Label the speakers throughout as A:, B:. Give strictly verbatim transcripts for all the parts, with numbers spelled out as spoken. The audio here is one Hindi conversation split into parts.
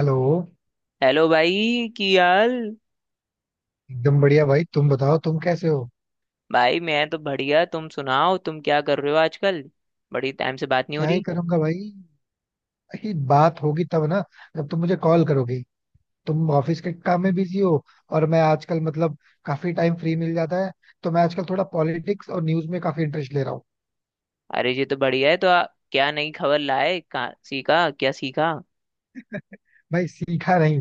A: हेलो.
B: हेलो भाई की हाल।
A: एकदम बढ़िया भाई, तुम बताओ, तुम कैसे हो?
B: भाई मैं तो बढ़िया तुम सुनाओ तुम क्या कर रहे हो आजकल। बड़ी टाइम से बात नहीं हो
A: क्या ही
B: रही।
A: करूंगा भाई, ही बात होगी तब ना, जब तुम मुझे कॉल करोगे. तुम ऑफिस के काम में बिजी हो और मैं आजकल मतलब काफी टाइम फ्री मिल जाता है, तो मैं आजकल थोड़ा पॉलिटिक्स और न्यूज में काफी इंटरेस्ट ले रहा हूँ.
B: अरे ये तो बढ़िया है तो आ, क्या नई खबर लाए कहाँ सीखा क्या सीखा।
A: भाई सीखा नहीं.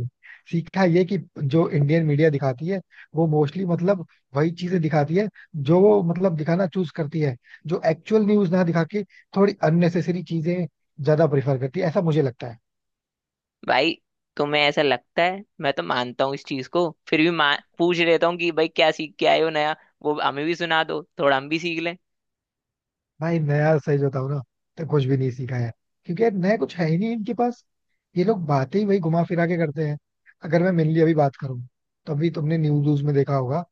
A: सीखा ये कि जो इंडियन मीडिया दिखाती है वो मोस्टली मतलब वही चीजें दिखाती है, जो वो मतलब दिखाना चूज करती है. जो एक्चुअल न्यूज ना दिखा के थोड़ी अननेसेसरी चीजें ज्यादा प्रेफर करती है, ऐसा मुझे लगता है.
B: भाई तुम्हें ऐसा लगता है मैं तो मानता हूँ इस चीज को फिर भी मा- पूछ लेता हूँ कि भाई क्या सीख के आए हो नया। वो हमें भी सुना दो थोड़ा हम भी सीख लें।
A: भाई नया सही बताऊं ना, तो कुछ भी नहीं सीखा है. क्योंकि यार नया कुछ है ही नहीं इनके पास. ये लोग बातें ही वही घुमा फिरा के करते हैं. अगर मैं मेनली अभी बात करूं, तो अभी तुमने न्यूज व्यूज में देखा होगा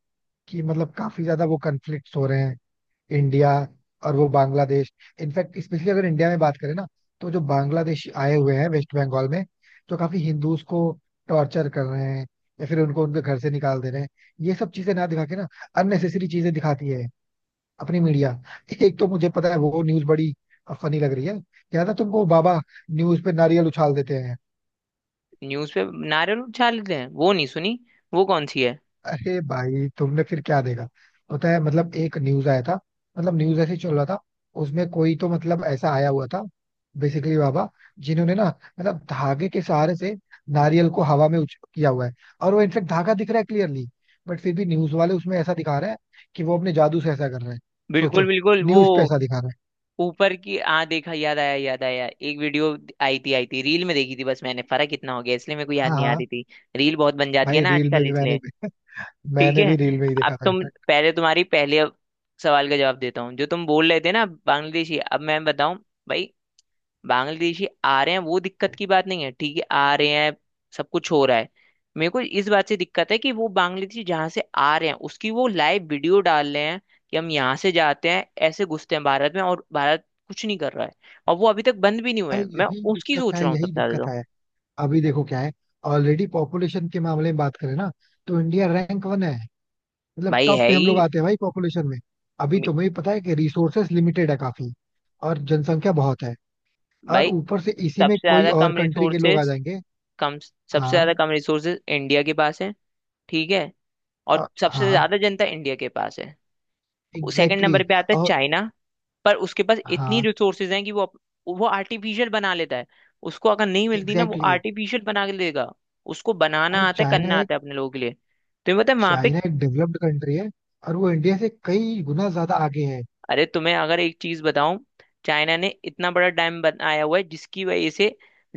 A: कि मतलब काफी ज्यादा वो कन्फ्लिक्ट हो रहे हैं इंडिया और वो बांग्लादेश. इनफैक्ट स्पेशली अगर इंडिया में बात करें ना, तो जो बांग्लादेशी आए हुए हैं वेस्ट बंगाल में, जो काफी हिंदूज को टॉर्चर कर रहे हैं या फिर उनको उनके घर से निकाल दे रहे हैं, ये सब चीजें ना दिखा के ना अननेसेसरी चीजें दिखाती है अपनी मीडिया. एक तो मुझे पता है वो न्यूज बड़ी फनी लग रही है. याद है तुमको बाबा न्यूज पे नारियल उछाल देते हैं?
B: न्यूज पे नारियल उछाल लेते हैं वो नहीं सुनी। वो कौन सी है?
A: अरे भाई, तुमने फिर क्या देखा? पता है मतलब एक न्यूज आया था, मतलब न्यूज ऐसे ही चल रहा था, उसमें कोई तो मतलब ऐसा आया हुआ था, बेसिकली बाबा जिन्होंने ना मतलब धागे के सहारे से नारियल को हवा में उछ किया हुआ है, और वो इनफेक्ट धागा दिख रहा है क्लियरली. बट फिर भी न्यूज वाले उसमें ऐसा दिखा रहे हैं कि वो अपने जादू से ऐसा कर रहे हैं.
B: बिल्कुल
A: सोचो,
B: बिल्कुल वो
A: न्यूज पे ऐसा दिखा रहे हैं.
B: ऊपर की आ देखा याद आया याद आया एक वीडियो आई थी आई थी रील में देखी थी बस मैंने फर्क इतना हो गया इसलिए मेरे को याद
A: हाँ
B: नहीं आ
A: हाँ.
B: रही थी। रील बहुत बन जाती है
A: भाई
B: ना
A: रील में
B: आजकल
A: भी मैंने
B: इसलिए। ठीक
A: मैंने भी
B: है।
A: रील में ही
B: अब
A: देखा था
B: तुम
A: इनफैक्ट.
B: पहले तुम्हारी पहले सवाल का जवाब देता हूँ जो तुम बोल रहे थे ना बांग्लादेशी अब मैं बताऊं। भाई बांग्लादेशी आ रहे हैं वो दिक्कत की बात नहीं है ठीक है आ रहे हैं सब कुछ हो रहा है। मेरे को इस बात से दिक्कत है कि वो बांग्लादेशी जहां से आ रहे हैं उसकी वो लाइव वीडियो डाल रहे हैं कि हम यहाँ से जाते हैं ऐसे घुसते हैं भारत में और भारत कुछ नहीं कर रहा है। और वो अभी तक बंद भी नहीं हुए
A: भाई
B: हैं मैं
A: यही
B: उसकी
A: दिक्कत है,
B: सोच रहा हूँ
A: यही
B: सबसे ज्यादा
A: दिक्कत
B: तो।
A: है. अभी देखो क्या है, ऑलरेडी पॉपुलेशन के मामले में बात करें ना, तो इंडिया रैंक वन है. मतलब
B: भाई
A: टॉप
B: है
A: पे हम लोग
B: ही।
A: आते हैं भाई पॉपुलेशन में. अभी
B: मे-
A: तुम्हें पता है कि रिसोर्सेस लिमिटेड है काफी और जनसंख्या बहुत है. और
B: भाई
A: ऊपर से इसी में
B: सबसे
A: कोई
B: ज्यादा
A: और
B: कम
A: कंट्री के लोग आ
B: रिसोर्सेस
A: जाएंगे.
B: कम सबसे
A: हाँ.
B: ज्यादा कम रिसोर्सेस इंडिया के पास है। ठीक है।
A: अ,
B: और सबसे
A: हाँ.
B: ज्यादा जनता इंडिया के पास है। सेकंड
A: एग्जैक्टली
B: नंबर पे आता है
A: exactly, और.
B: चाइना। पर उसके पास इतनी
A: हाँ.
B: रिसोर्सेज हैं कि वो अप- वो आर्टिफिशियल बना लेता है। उसको अगर नहीं मिलती ना वो
A: एग्जैक्टली exactly,
B: आर्टिफिशियल बना के देगा। उसको
A: भाई.
B: बनाना आता है
A: चाइना
B: करना
A: एक.
B: आता है अपने लोगों के लिए। तुम्हें पता है वहां पे।
A: चाइना एक डेवलप्ड कंट्री है और वो इंडिया से कई गुना ज्यादा आगे है.
B: अरे तुम्हें अगर एक चीज बताऊं चाइना ने इतना बड़ा डैम बनाया हुआ है जिसकी वजह से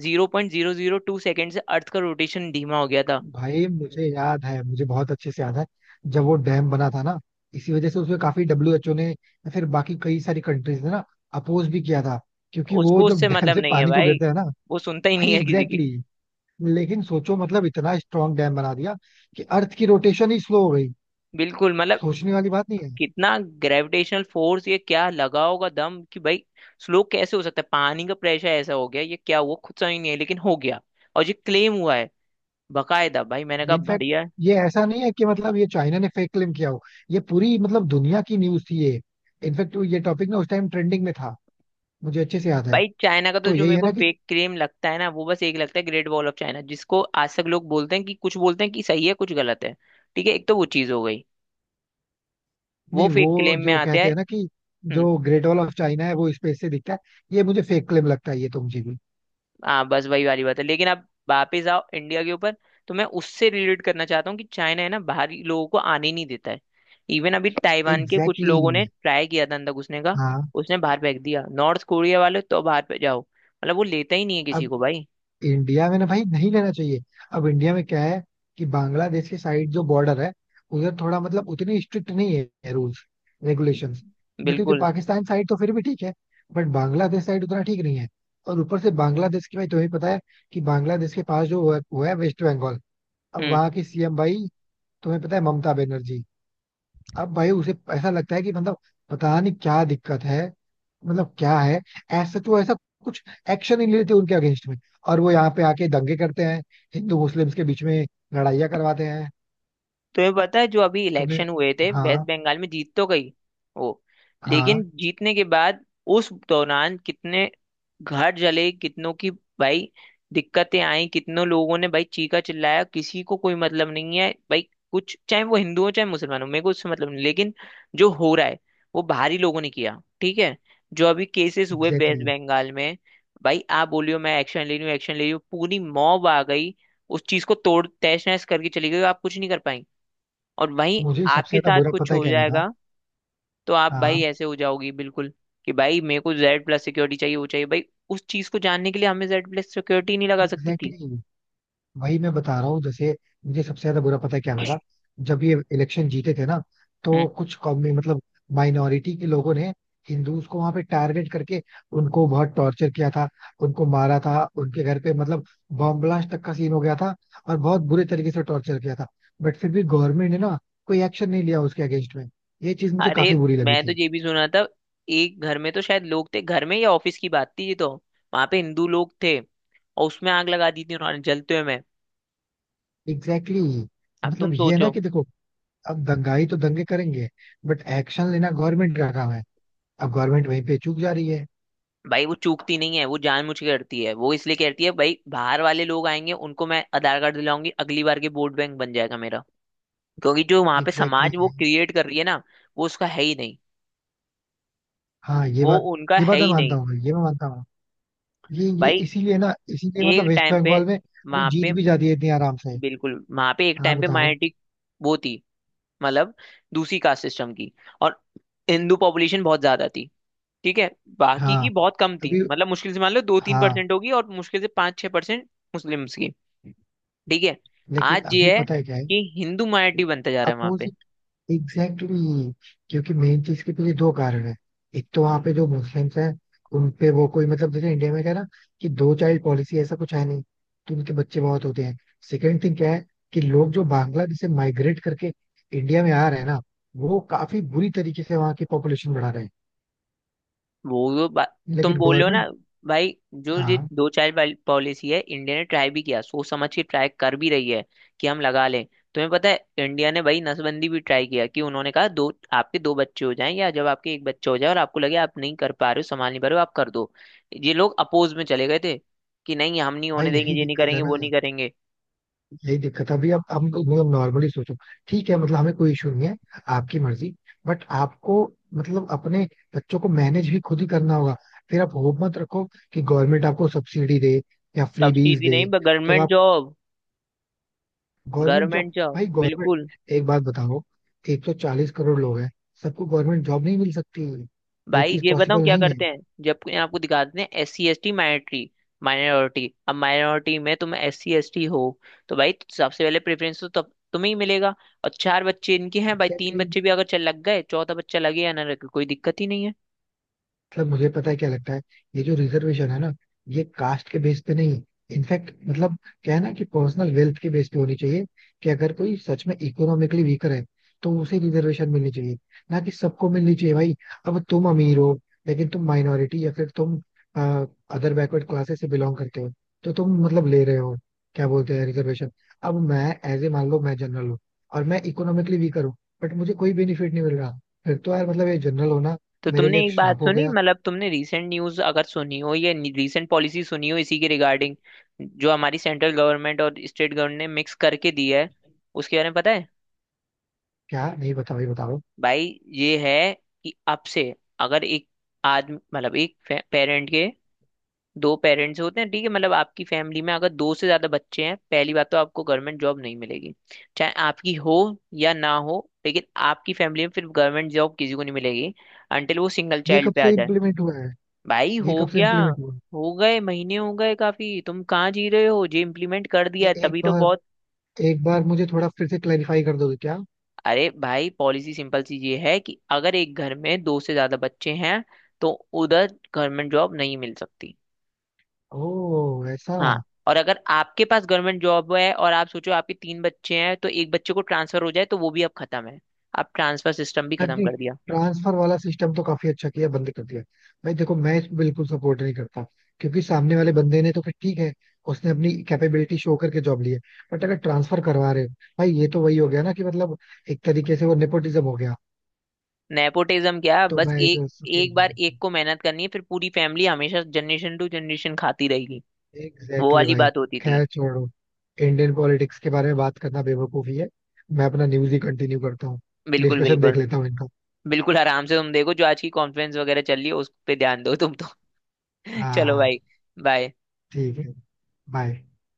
B: zero point zero zero two second से अर्थ का रोटेशन धीमा हो गया था।
A: भाई मुझे याद है, मुझे बहुत अच्छे से याद है जब वो डैम बना था ना. इसी वजह से उसमें काफी डब्ल्यूएचओ ने या फिर बाकी कई सारी कंट्रीज ने ना अपोज भी किया था. क्योंकि वो
B: उसको
A: जब
B: उससे
A: डैम
B: मतलब
A: से
B: नहीं है
A: पानी जो
B: भाई।
A: गिरता है ना.
B: वो सुनता ही नहीं
A: भाई
B: है किसी की।
A: Exactly exactly. लेकिन सोचो, मतलब इतना स्ट्रांग डैम बना दिया कि अर्थ की रोटेशन ही स्लो हो गई.
B: बिल्कुल मतलब
A: सोचने वाली बात नहीं है.
B: कितना ग्रेविटेशनल फोर्स ये क्या लगा होगा दम कि भाई स्लो कैसे हो सकता है पानी का प्रेशर ऐसा हो गया ये क्या हुआ खुद समझ नहीं है लेकिन हो गया। और ये क्लेम हुआ है बकायदा। भाई मैंने
A: ये
B: कहा
A: इनफैक्ट
B: बढ़िया है।
A: ये ऐसा नहीं है कि मतलब ये चाइना ने फेक क्लेम किया हो. ये पूरी मतलब दुनिया की न्यूज थी ये. इनफैक्ट ये टॉपिक ना उस टाइम ट्रेंडिंग में था, मुझे अच्छे से याद है.
B: भाई चाइना का तो
A: तो
B: जो
A: यही
B: मेरे
A: है
B: को
A: ना कि.
B: फेक क्लेम लगता है ना वो बस एक लगता है ग्रेट वॉल ऑफ चाइना जिसको आज तक लोग बोलते हैं कि कुछ बोलते हैं कि सही है कुछ गलत है। ठीक है। एक तो वो चीज हो गई। वो
A: नहीं,
B: फेक
A: वो
B: क्लेम में
A: जो
B: आते
A: कहते
B: हैं।
A: हैं ना कि
B: हम्म।
A: जो ग्रेट वॉल ऑफ चाइना है वो स्पेस से दिखता है, ये मुझे फेक क्लेम लगता है, ये तो मुझे भी.
B: हाँ बस वही वाली बात है लेकिन अब वापिस आओ इंडिया के ऊपर। तो मैं उससे रिलेट करना चाहता हूँ कि चाइना है ना बाहरी लोगों को आने ही नहीं देता है। इवन अभी ताइवान के कुछ
A: एग्जैक्टली
B: लोगों ने
A: exactly.
B: ट्राई किया था अंदर घुसने का।
A: हाँ.
B: उसने बाहर फेंक दिया। नॉर्थ कोरिया वाले तो बाहर पे जाओ मतलब वो लेता ही नहीं है किसी
A: अब
B: को भाई।
A: इंडिया में ना भाई नहीं लेना चाहिए. अब इंडिया में क्या है कि बांग्लादेश के साइड जो बॉर्डर है उधर थोड़ा मतलब उतनी स्ट्रिक्ट नहीं है रूल्स रेगुलेशंस. क्योंकि
B: बिल्कुल।
A: पाकिस्तान साइड तो फिर भी ठीक है, बट बांग्लादेश साइड उतना ठीक नहीं है. और ऊपर से बांग्लादेश की भाई तुम्हें पता है कि बांग्लादेश के पास जो वो है वेस्ट बंगाल. अब
B: हम्म।
A: वहाँ की सीएम भाई तुम्हें पता है, ममता बनर्जी. अब भाई उसे ऐसा लगता है कि मतलब पता नहीं क्या दिक्कत है, मतलब क्या है, ऐसा तो ऐसा कुछ एक्शन ही नहीं लेते उनके अगेंस्ट में. और वो यहाँ पे आके दंगे करते हैं, हिंदू मुस्लिम्स के बीच में लड़ाइयाँ करवाते हैं.
B: तुम्हें पता है जो अभी
A: तुमने.
B: इलेक्शन हुए थे वेस्ट
A: हाँ
B: बंगाल में जीत तो गई वो।
A: हाँ.
B: लेकिन जीतने के बाद उस दौरान कितने घर जले कितनों की भाई दिक्कतें आई कितनों लोगों ने भाई चीखा चिल्लाया किसी को कोई मतलब नहीं है भाई। कुछ चाहे वो हिंदू हो चाहे मुसलमान हो मेरे को उससे मतलब नहीं। लेकिन जो हो रहा है वो बाहरी लोगों ने किया। ठीक है। जो अभी केसेस हुए
A: एग्जैक्टली
B: वेस्ट
A: exactly.
B: बंगाल में भाई आप बोलियो मैं एक्शन ले रही हूँ एक्शन ले रही हूँ पूरी मॉब आ गई। उस चीज को तोड़ तहस नहस करके चली गई। आप कुछ नहीं कर पाई। और वहीं
A: मुझे सबसे
B: आपके
A: ज्यादा
B: साथ
A: बुरा
B: कुछ
A: पता है
B: हो
A: क्या लगा.
B: जाएगा तो आप भाई
A: हाँ.
B: ऐसे हो जाओगी बिल्कुल कि भाई मेरे को जेड प्लस सिक्योरिटी चाहिए वो चाहिए भाई। उस चीज को जानने के लिए हमें जेड प्लस सिक्योरिटी नहीं लगा सकती
A: एग्जैक्टली
B: थी।
A: exactly. वही मैं बता रहा हूँ जैसे, मुझे सबसे ज्यादा बुरा पता है क्या लगा, जब ये इलेक्शन जीते थे ना,
B: हम्म।
A: तो कुछ कौमी मतलब माइनॉरिटी के लोगों ने हिंदूज को वहां पे टारगेट करके उनको बहुत टॉर्चर किया था, उनको मारा था, उनके घर पे मतलब बॉम्ब ब्लास्ट तक का सीन हो गया था और बहुत बुरे तरीके से टॉर्चर किया था. बट फिर भी गवर्नमेंट ने ना कोई एक्शन नहीं लिया उसके अगेंस्ट में. ये चीज मुझे
B: अरे
A: काफी बुरी लगी
B: मैं तो
A: थी.
B: ये भी सुना था एक घर में तो शायद लोग थे घर में या ऑफिस की बात थी ये तो वहां पे हिंदू लोग थे और उसमें आग लगा दी थी उन्होंने जलते हुए में।
A: Exactly exactly.
B: अब तुम
A: मतलब ये है ना
B: सोचो।
A: कि देखो, अब दंगाई तो दंगे करेंगे, बट एक्शन लेना गवर्नमेंट का काम है. अब गवर्नमेंट वहीं पे चूक जा रही है.
B: भाई वो चूकती नहीं है वो जानबूझ के करती है वो इसलिए करती है भाई। बाहर वाले लोग आएंगे उनको मैं आधार कार्ड दिलाऊंगी अगली बार के वोट बैंक बन जाएगा मेरा। क्योंकि जो वहां पे
A: एग्जैक्टली
B: समाज वो
A: exactly.
B: क्रिएट कर रही है ना वो उसका है ही नहीं।
A: हाँ, ये
B: वो
A: बात
B: उनका
A: ये
B: है
A: बात मैं
B: ही
A: मानता
B: नहीं।
A: हूँ भाई, ये मैं मानता हूँ. ये ये
B: भाई
A: इसीलिए ना इसीलिए मतलब
B: एक
A: वेस्ट
B: टाइम पे
A: बंगाल में वो
B: वहां
A: जीत
B: पे
A: भी जाती है इतनी आराम से.
B: बिल्कुल वहां पे एक
A: हाँ
B: टाइम पे
A: बताओ.
B: माइनॉरिटी वो थी मतलब दूसरी कास्ट सिस्टम की। और हिंदू पॉपुलेशन बहुत ज्यादा थी। ठीक है। बाकी की
A: हाँ,
B: बहुत कम थी
A: अभी.
B: मतलब मुश्किल से मान लो दो तीन
A: हाँ,
B: परसेंट होगी और मुश्किल से पाँच छह परसेंट मुस्लिम्स की। ठीक है।
A: लेकिन
B: आज
A: अभी
B: ये है
A: पता है क्या है.
B: कि हिंदू माइनॉरिटी बनता जा रहा है वहां
A: अपोज.
B: पे।
A: Exactly exactly. क्योंकि मेन चीज के पीछे दो कारण है. एक तो वहां पे जो मुस्लिम्स हैं उन पे वो कोई मतलब जैसे इंडिया में क्या है ना कि दो चाइल्ड पॉलिसी ऐसा कुछ है नहीं, तो उनके बच्चे बहुत होते हैं. सेकंड थिंग क्या है कि लोग जो बांग्लादेश से माइग्रेट करके इंडिया में आ रहे हैं ना वो काफी बुरी तरीके से वहाँ की पॉपुलेशन बढ़ा रहे हैं.
B: वो तो बा- तुम
A: लेकिन
B: बोल रहे हो
A: गवर्नमेंट.
B: ना। भाई जो ये
A: हाँ.
B: दो चाइल्ड पॉलिसी है इंडिया ने ट्राई भी किया सोच समझ के ट्राई कर भी रही है कि हम लगा लें। तुम्हें पता है इंडिया ने भाई नसबंदी भी ट्राई किया कि उन्होंने कहा दो आपके दो बच्चे हो जाएं या जब आपके एक बच्चा हो जाए और आपको लगे आप नहीं कर पा रहे हो संभाल नहीं पा रहे हो आप कर दो। ये लोग अपोज में चले गए थे कि नहीं हम नहीं होने
A: भाई
B: देंगे
A: यही
B: ये नहीं
A: दिक्कत है
B: करेंगे
A: ना,
B: वो नहीं करेंगे।
A: यही दिक्कत है. अभी अब हम मतलब नॉर्मली सोचो, ठीक है मतलब हमें कोई इशू नहीं है, आपकी मर्जी. बट आपको मतलब अपने बच्चों को मैनेज भी खुद ही करना होगा. फिर आप होप मत रखो कि गवर्नमेंट आपको सब्सिडी दे या फ्रीबीज
B: सब्सिडी
A: दे.
B: नहीं
A: तब
B: गवर्नमेंट
A: आप.
B: Job
A: government
B: government
A: job
B: job
A: भाई
B: बिल्कुल।
A: गवर्नमेंट, एक बात बताओ, एक सौ चालीस करोड़ लोग हैं, सबको गवर्नमेंट जॉब नहीं मिल सकती. ये
B: भाई
A: चीज
B: ये बताऊं
A: पॉसिबल
B: क्या
A: नहीं है.
B: करते हैं जब कोई आपको दिखा देते हैं S C S T minority. Minority अब माइनॉरिटी में तुम एस सी एस टी हो। तो भाई सबसे पहले प्रेफरेंस तो तब तुम्हें ही मिलेगा। और चार बच्चे इनके हैं भाई तीन
A: एग्जैक्टली.
B: बच्चे भी अगर चल लग गए चौथा बच्चा लगे या ना लगे कोई दिक्कत ही नहीं है।
A: मतलब मुझे पता है क्या लगता है, ये जो रिजर्वेशन है ना, ये कास्ट के बेस पे नहीं, इनफैक्ट मतलब क्या है ना कि पर्सनल वेल्थ के बेस पे होनी चाहिए. कि अगर कोई सच में इकोनॉमिकली वीकर है, तो उसे रिजर्वेशन मिलनी चाहिए, ना कि सबको मिलनी चाहिए भाई. अब तुम अमीर हो लेकिन तुम माइनॉरिटी या फिर तुम अदर बैकवर्ड क्लासेस से बिलोंग करते हो, तो तुम मतलब ले रहे हो क्या बोलते हैं रिजर्वेशन. अब मैं एज ए मान लो मैं जनरल हूँ और मैं इकोनॉमिकली वीकर हूँ, बट मुझे कोई बेनिफिट नहीं मिल रहा, फिर तो यार मतलब ये जनरल होना
B: तो
A: मेरे लिए
B: तुमने
A: एक
B: एक बात
A: श्राप हो
B: सुनी
A: गया.
B: मतलब तुमने रीसेंट न्यूज अगर सुनी हो या रीसेंट पॉलिसी सुनी हो इसी के रिगार्डिंग जो हमारी सेंट्रल गवर्नमेंट और स्टेट गवर्नमेंट ने मिक्स करके दी है उसके बारे में पता है।
A: क्या, नहीं बताओ, ये बताओ.
B: भाई ये है कि अब से अगर एक आदमी मतलब एक पेरेंट के दो पेरेंट्स होते हैं ठीक है मतलब आपकी फैमिली में अगर दो से ज्यादा बच्चे हैं पहली बात तो आपको गवर्नमेंट जॉब नहीं मिलेगी। चाहे आपकी हो या ना हो। लेकिन आपकी फैमिली में फिर गवर्नमेंट जॉब किसी को नहीं मिलेगी अंटिल वो सिंगल
A: ये
B: चाइल्ड
A: कब
B: पे आ
A: से
B: जाए।
A: इम्प्लीमेंट हुआ है?
B: भाई
A: ये
B: हो
A: कब से
B: गया।
A: इम्प्लीमेंट हुआ है?
B: हो गए महीने हो गए काफी तुम कहाँ जी रहे हो जे इम्प्लीमेंट कर दिया
A: ए,
B: है,
A: एक
B: तभी तो
A: बार,
B: बहुत।
A: एक बार मुझे थोड़ा फिर से क्लैरिफाई कर दोगे क्या?
B: अरे भाई पॉलिसी सिंपल सी ये है कि अगर एक घर में दो से ज्यादा बच्चे हैं तो उधर गवर्नमेंट जॉब नहीं मिल सकती।
A: ओ ऐसा.
B: हाँ। और अगर आपके पास गवर्नमेंट जॉब है और आप सोचो आपके तीन बच्चे हैं तो एक बच्चे को ट्रांसफर हो जाए तो वो भी अब खत्म है। आप ट्रांसफर सिस्टम भी खत्म
A: नहीं,
B: कर दिया।
A: ट्रांसफर वाला सिस्टम तो काफी अच्छा किया बंद कर दिया. भाई देखो, मैं इसको बिल्कुल सपोर्ट नहीं करता, क्योंकि सामने वाले बंदे ने तो फिर ठीक है, उसने अपनी कैपेबिलिटी शो करके जॉब ली है. बट अगर ट्रांसफर करवा रहे हो, भाई ये तो वही हो गया ना कि मतलब एक तरीके से वो नेपोटिज्म हो गया.
B: नेपोटिज्म क्या
A: तो
B: बस
A: मैं
B: एक
A: इसे support
B: एक
A: नहीं
B: बार एक
A: करता.
B: को मेहनत करनी है फिर पूरी फैमिली हमेशा जनरेशन टू जनरेशन खाती रहेगी।
A: एग्जैक्टली
B: वो
A: exactly
B: वाली
A: भाई.
B: बात होती थी।
A: खैर छोड़ो, इंडियन पॉलिटिक्स के बारे में बात करना बेवकूफी है. मैं अपना न्यूज ही कंटिन्यू करता हूँ,
B: बिल्कुल
A: डिस्कशन देख
B: बिल्कुल।
A: लेता हूँ इनका.
B: बिल्कुल आराम से तुम देखो जो आज की कॉन्फ्रेंस वगैरह चल रही है उस पे ध्यान दो तुम तो।
A: हाँ
B: चलो
A: हाँ.
B: भाई। बाय।
A: ठीक है. बाय.